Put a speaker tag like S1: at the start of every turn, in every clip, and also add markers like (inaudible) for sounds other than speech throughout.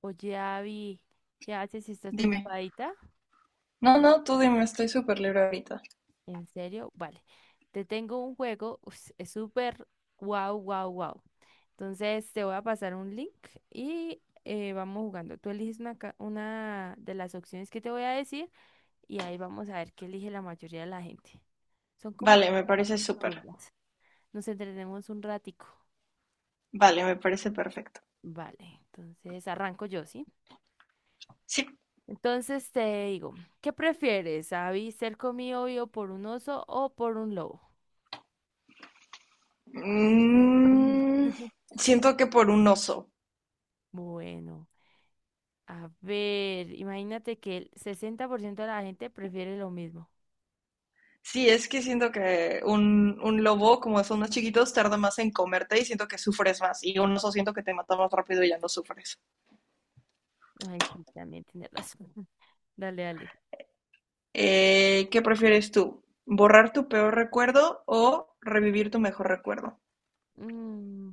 S1: Oye, Abby, ¿qué haces si estás
S2: Dime.
S1: ocupadita?
S2: No, no, tú dime, estoy súper libre ahorita.
S1: ¿En serio? Vale. Te tengo un juego, ups, es súper wow, wow, wow. Entonces te voy a pasar un link y vamos jugando. Tú eliges una, una de las opciones que te voy a decir y ahí vamos a ver qué elige la mayoría de la gente. Son como
S2: Vale, me
S1: cosas
S2: parece súper.
S1: absurdas. Nos entretenemos un ratico.
S2: Vale, me parece perfecto.
S1: Vale, entonces arranco yo, ¿sí?
S2: Sí.
S1: Entonces te digo, ¿qué prefieres, Abby, ser comido vivo por un oso o por un lobo? Mm.
S2: Mm, siento que por un oso.
S1: Bueno, a ver, imagínate que el 60% de la gente prefiere lo mismo.
S2: Sí, es que siento que un lobo, como son más chiquitos, tarda más en comerte y siento que sufres más. Y un oso siento que te mata más rápido y ya no sufres.
S1: Ay, sí, también tiene razón. (laughs) Dale, dale.
S2: ¿qué prefieres tú? ¿Borrar tu peor recuerdo o revivir tu mejor recuerdo?
S1: Mm,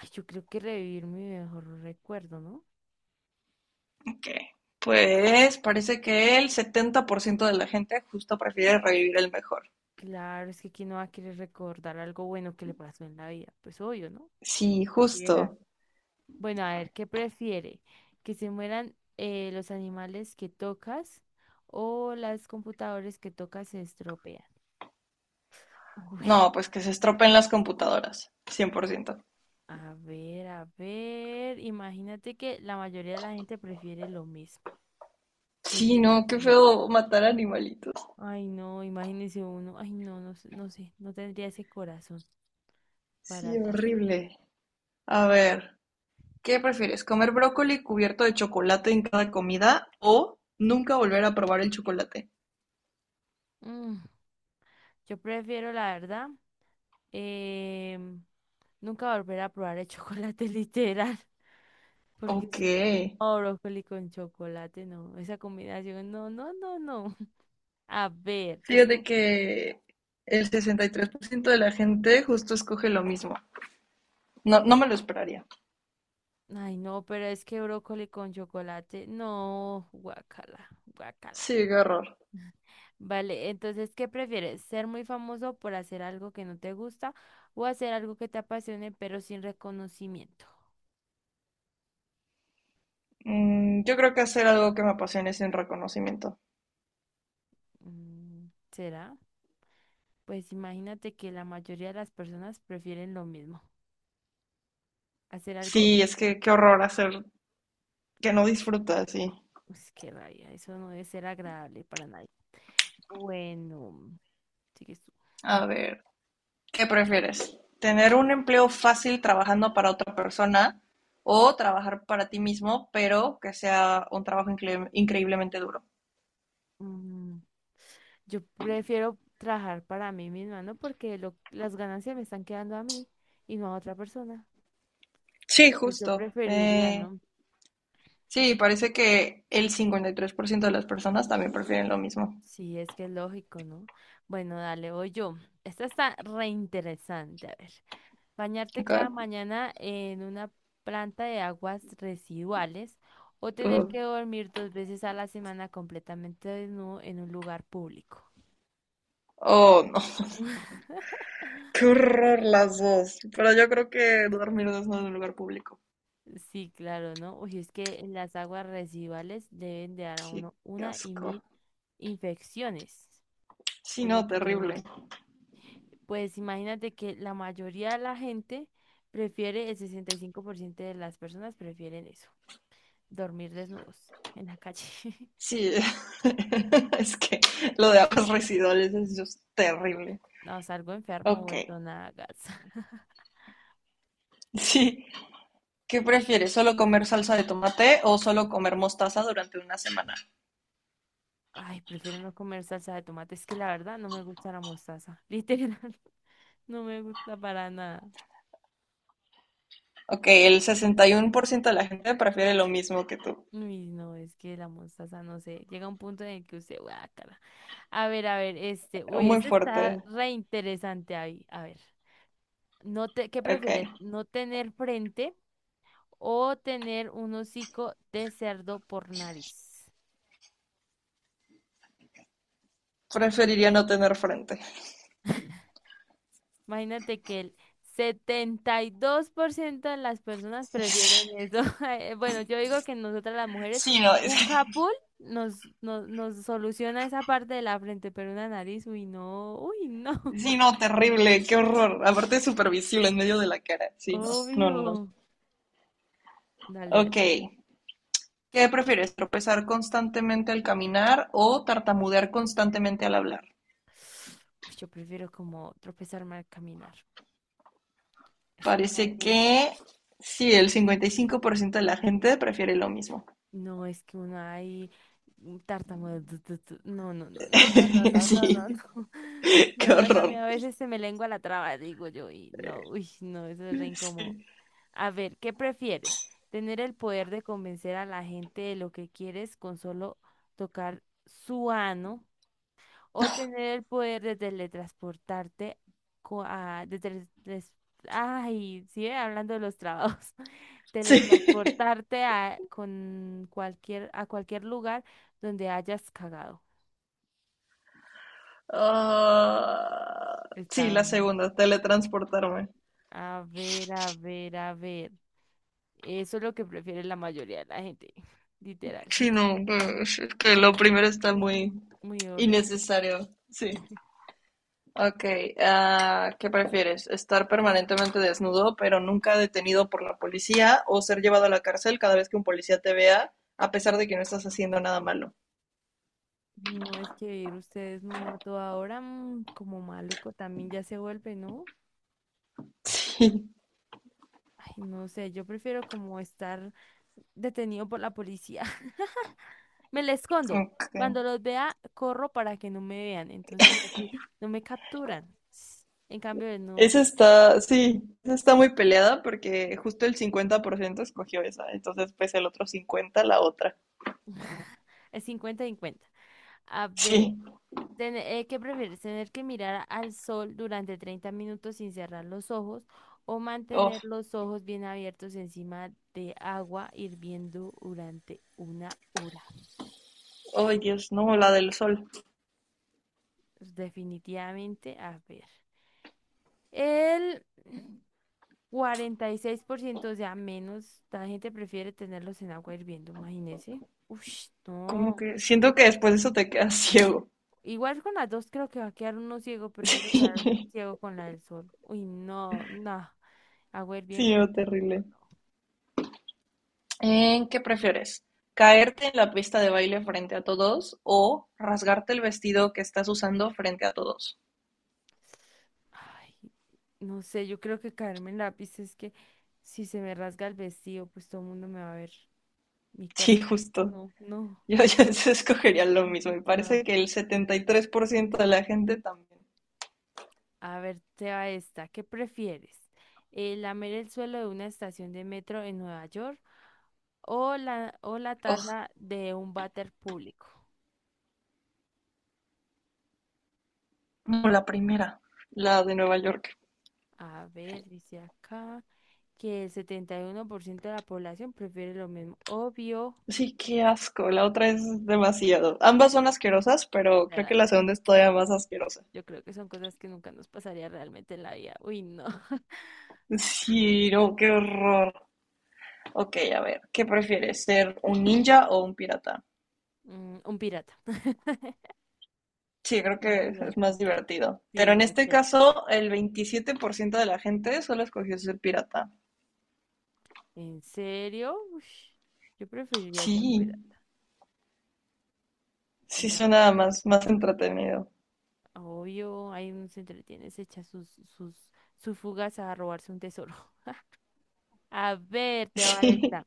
S1: ay, yo creo que revivir mi mejor recuerdo, ¿no?
S2: Ok. Pues parece que el 70% de la gente justo prefiere revivir el mejor.
S1: Claro, es que quién no va a querer recordar algo bueno que le pasó en la vida. Pues obvio, ¿no?
S2: Sí,
S1: Cualquiera.
S2: justo.
S1: Bueno, a ver, ¿qué prefiere? ¿Que se mueran los animales que tocas o las computadoras que tocas se estropean? (laughs) Uy,
S2: No, pues que se estropeen las computadoras, 100%.
S1: a ver, a ver. Imagínate que la mayoría de la gente prefiere lo mismo. Que
S2: Sí,
S1: te-
S2: no, qué feo matar animalitos.
S1: Ay, no, imagínese uno. Ay, no, no sé, no tendría ese corazón para
S2: Sí,
S1: hacer eso.
S2: horrible. A ver, ¿qué prefieres? ¿Comer brócoli cubierto de chocolate en cada comida o nunca volver a probar el chocolate?
S1: Mm, yo prefiero, la verdad, em, nunca volver a probar el chocolate (laughs) literal. Porque
S2: Ok.
S1: si no, brócoli con chocolate, no. Esa combinación, no, no, no, no. (laughs) A ver, ¿qué
S2: Fíjate
S1: pro-
S2: que el 63% de la gente justo escoge lo mismo. No, no me lo esperaría.
S1: Ay, no, pero es que brócoli con chocolate, no, guacala, guacala.
S2: Sí, qué horror.
S1: Vale, entonces, ¿qué prefieres? ¿Ser muy famoso por hacer algo que no te gusta o hacer algo que te apasione pero sin reconocimiento?
S2: Mm, yo creo que hacer algo que me apasione sin reconocimiento.
S1: Mm, ¿será? Pues imagínate que la mayoría de las personas prefieren lo mismo, hacer algo.
S2: Sí, es que qué horror hacer que no disfrutas, sí.
S1: Pues qué rabia, eso no debe ser agradable para nadie. Bueno, sigues tú.
S2: A ver, ¿qué prefieres? ¿Tener un empleo fácil trabajando para otra persona o trabajar para ti mismo, pero que sea un trabajo increíblemente duro?
S1: Mm, yo prefiero trabajar para mí misma, ¿no? Porque las ganancias me están quedando a mí y no a otra persona.
S2: Sí,
S1: Pues yo
S2: justo.
S1: preferiría, ¿no?
S2: Sí, parece que el 53% de las personas también prefieren lo mismo.
S1: Sí, es que es lógico, ¿no? Bueno, dale, voy yo. Esta está re interesante, a ver. Bañarte
S2: ¿Ok?
S1: cada mañana en una planta de aguas residuales o tener
S2: Oh,
S1: que dormir dos veces a la semana completamente desnudo en un lugar público.
S2: Oh, no. (laughs)
S1: (laughs)
S2: Qué horror las dos. Pero yo creo que dormir desnudo en un lugar público.
S1: Sí, claro, ¿no? Uy, es que las aguas residuales deben de dar a
S2: Sí,
S1: uno
S2: qué
S1: una y
S2: asco.
S1: mil infecciones,
S2: Sí,
S1: es lo
S2: no,
S1: que yo
S2: terrible.
S1: digo. Pues imagínate que la mayoría de la gente prefiere, el 65% de las personas prefieren eso, dormir desnudos en la calle. (laughs)
S2: Sí, (laughs) es que lo de aguas residuales es just terrible.
S1: No, salgo enfermo,
S2: Ok,
S1: vuelto nada, gasa. (laughs)
S2: sí. ¿Qué prefieres? ¿Solo comer salsa de tomate o solo comer mostaza durante una semana?
S1: Ay, prefiero no comer salsa de tomate. Es que la verdad no me gusta la mostaza. (laughs) Literal, no me gusta para nada.
S2: Ok, el 61% de la gente prefiere lo mismo que tú.
S1: Uy, no, es que la mostaza, no sé. Llega un punto en el que usted, guácala. A ver, este. Uy,
S2: Muy
S1: este está
S2: fuerte.
S1: re interesante ahí. A ver. ¿Qué
S2: Ok.
S1: prefieres? ¿No tener frente o tener un hocico de cerdo por nariz?
S2: Preferiría no tener frente.
S1: Imagínate que el 72% de las personas
S2: (laughs) Sí,
S1: prefieren eso. (laughs) Bueno, yo digo que nosotras las mujeres,
S2: sí, no, es
S1: un
S2: que,
S1: capul nos soluciona esa parte de la frente, pero una nariz, uy, no, uy, no.
S2: sí, no, terrible, qué horror.
S1: (laughs)
S2: Aparte es supervisible en medio de la cara. Sí, no, no, no.
S1: Obvio. Dale, dale.
S2: Ok, ¿qué prefieres, tropezar constantemente al caminar o tartamudear constantemente al hablar?
S1: Uy, yo prefiero como tropezarme al caminar. Es que no
S2: Parece
S1: hay.
S2: que sí, el 55% de la gente prefiere lo mismo.
S1: No, es que uno ahí tartamudo. Tu, tu, tu. No, no, no, no, no, no,
S2: (laughs)
S1: no,
S2: Sí,
S1: no, no, no. (laughs) Y
S2: qué
S1: nomás a mí
S2: horror.
S1: a veces se me lengua la traba, digo yo, y no, uy, no, eso es re incómodo.
S2: Sí,
S1: A ver, ¿qué prefieres? ¿Tener el poder de convencer a la gente de lo que quieres con solo tocar su ano? O tener el poder de teletransportarte co- a, de teletras- ay, sigue hablando de los trabajos. (laughs)
S2: sí.
S1: Teletransportarte a cualquier lugar donde hayas cagado.
S2: Ah, sí,
S1: Está,
S2: la segunda, teletransportarme.
S1: a ver, a ver, a ver. Eso es lo que prefiere la mayoría de la gente, (laughs) literal.
S2: Sí, no, es que lo primero está
S1: Ujú.
S2: muy
S1: Muy horrible.
S2: innecesario. Sí. Ok, ¿qué prefieres? ¿Estar permanentemente desnudo, pero nunca detenido por la policía, o ser llevado a la cárcel cada vez que un policía te vea, a pesar de que no estás haciendo nada malo?
S1: No es que vivir ustedes no a toda hora, como maluco también ya se vuelve, ¿no?
S2: Sí.
S1: Ay, no sé, yo prefiero como estar detenido por la policía. (laughs) Me la escondo.
S2: Ok.
S1: Cuando los vea, corro para que no me vean. Entonces, así no me capturan. En cambio, de no.
S2: Esa está, sí, esa está muy peleada porque justo el 50% escogió esa, entonces pues el otro 50 la otra.
S1: (laughs) Es 50 cincuenta. A ver,
S2: Sí.
S1: ¿qué prefieres? ¿Tener que mirar al sol durante 30 minutos sin cerrar los ojos o
S2: Oh,
S1: mantener los ojos bien abiertos encima de agua hirviendo durante una hora?
S2: oh Dios, no, la del sol.
S1: Pues, definitivamente, a ver. El 46%, o sea, menos, la gente prefiere tenerlos en agua hirviendo, imagínese. Ush,
S2: ¿Cómo
S1: no.
S2: que? Siento que después de eso te quedas ciego. (laughs)
S1: Igual con las dos creo que va a quedar uno ciego, prefiero
S2: Sí,
S1: quedar ciego con la del sol. Uy, no, no. Agua
S2: sí,
S1: hirviendo,
S2: no,
S1: no, no,
S2: terrible.
S1: no.
S2: ¿En qué prefieres? ¿Caerte en la pista de baile frente a todos o rasgarte el vestido que estás usando frente a todos? (laughs)
S1: Ay, no sé, yo creo que caerme en lápiz es que si se me rasga el vestido, pues todo el mundo me va a ver mi
S2: Sí,
S1: cuerpo.
S2: justo.
S1: No, no,
S2: Yo (laughs) escogería lo mismo. Me
S1: (laughs) no.
S2: parece que el 73% de la gente también.
S1: A ver, te va esta. ¿Qué prefieres? ¿Lamer el suelo de una estación de metro en Nueva York o la
S2: Oh,
S1: taza de un váter público?
S2: no, la primera, la de Nueva York.
S1: A ver, dice acá que el 71% de la población prefiere lo mismo. Obvio,
S2: Sí, qué asco. La otra es demasiado. Ambas son asquerosas, pero creo que
S1: ¿verdad?
S2: la segunda es todavía más asquerosa.
S1: Yo creo que son cosas que nunca nos pasaría realmente en la vida. Uy, no. (laughs)
S2: Sí, no, qué horror. Ok, a ver, ¿qué prefieres? ¿Ser un ninja o un pirata?
S1: Mm, un pirata. (laughs)
S2: Sí, creo
S1: Un
S2: que
S1: pirata.
S2: es más divertido. Pero
S1: Sí,
S2: en
S1: va a
S2: este
S1: ser.
S2: caso, el 27% de la gente solo escogió ser pirata.
S1: ¿En serio? Ush, yo preferiría ser un
S2: Sí,
S1: pirata.
S2: sí suena más, más entretenido.
S1: Obvio, ahí uno se entretiene, se echa sus fugas a robarse un tesoro. (laughs) A ver,
S2: (laughs)
S1: te va
S2: Sí.
S1: esta.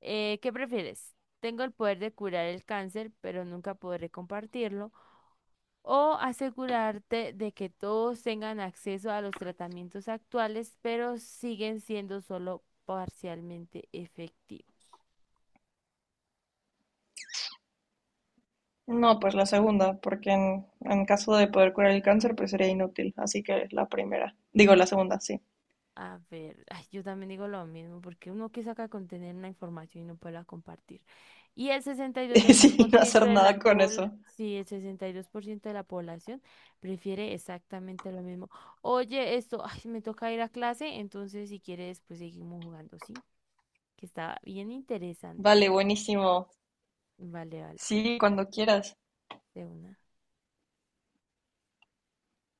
S1: ¿Qué prefieres? Tengo el poder de curar el cáncer, pero nunca podré compartirlo. O asegurarte de que todos tengan acceso a los tratamientos actuales, pero siguen siendo solo parcialmente efectivos.
S2: No, pues la segunda, porque en caso de poder curar el cáncer, pues sería inútil. Así que la primera. Digo, la segunda, sí.
S1: A ver, ay, yo también digo lo mismo, porque uno que saca con tener una información y no puede compartir. Y el
S2: (laughs)
S1: 62% de
S2: Sí,
S1: por
S2: no
S1: ciento
S2: hacer
S1: de
S2: nada
S1: la
S2: con eso.
S1: sí, el 62% de la población prefiere exactamente lo mismo. Oye, esto, ay, me toca ir a clase, entonces si quieres, pues seguimos jugando, ¿sí? Que está bien interesante.
S2: Vale, buenísimo.
S1: Vale, vale,
S2: Sí, cuando quieras.
S1: de una.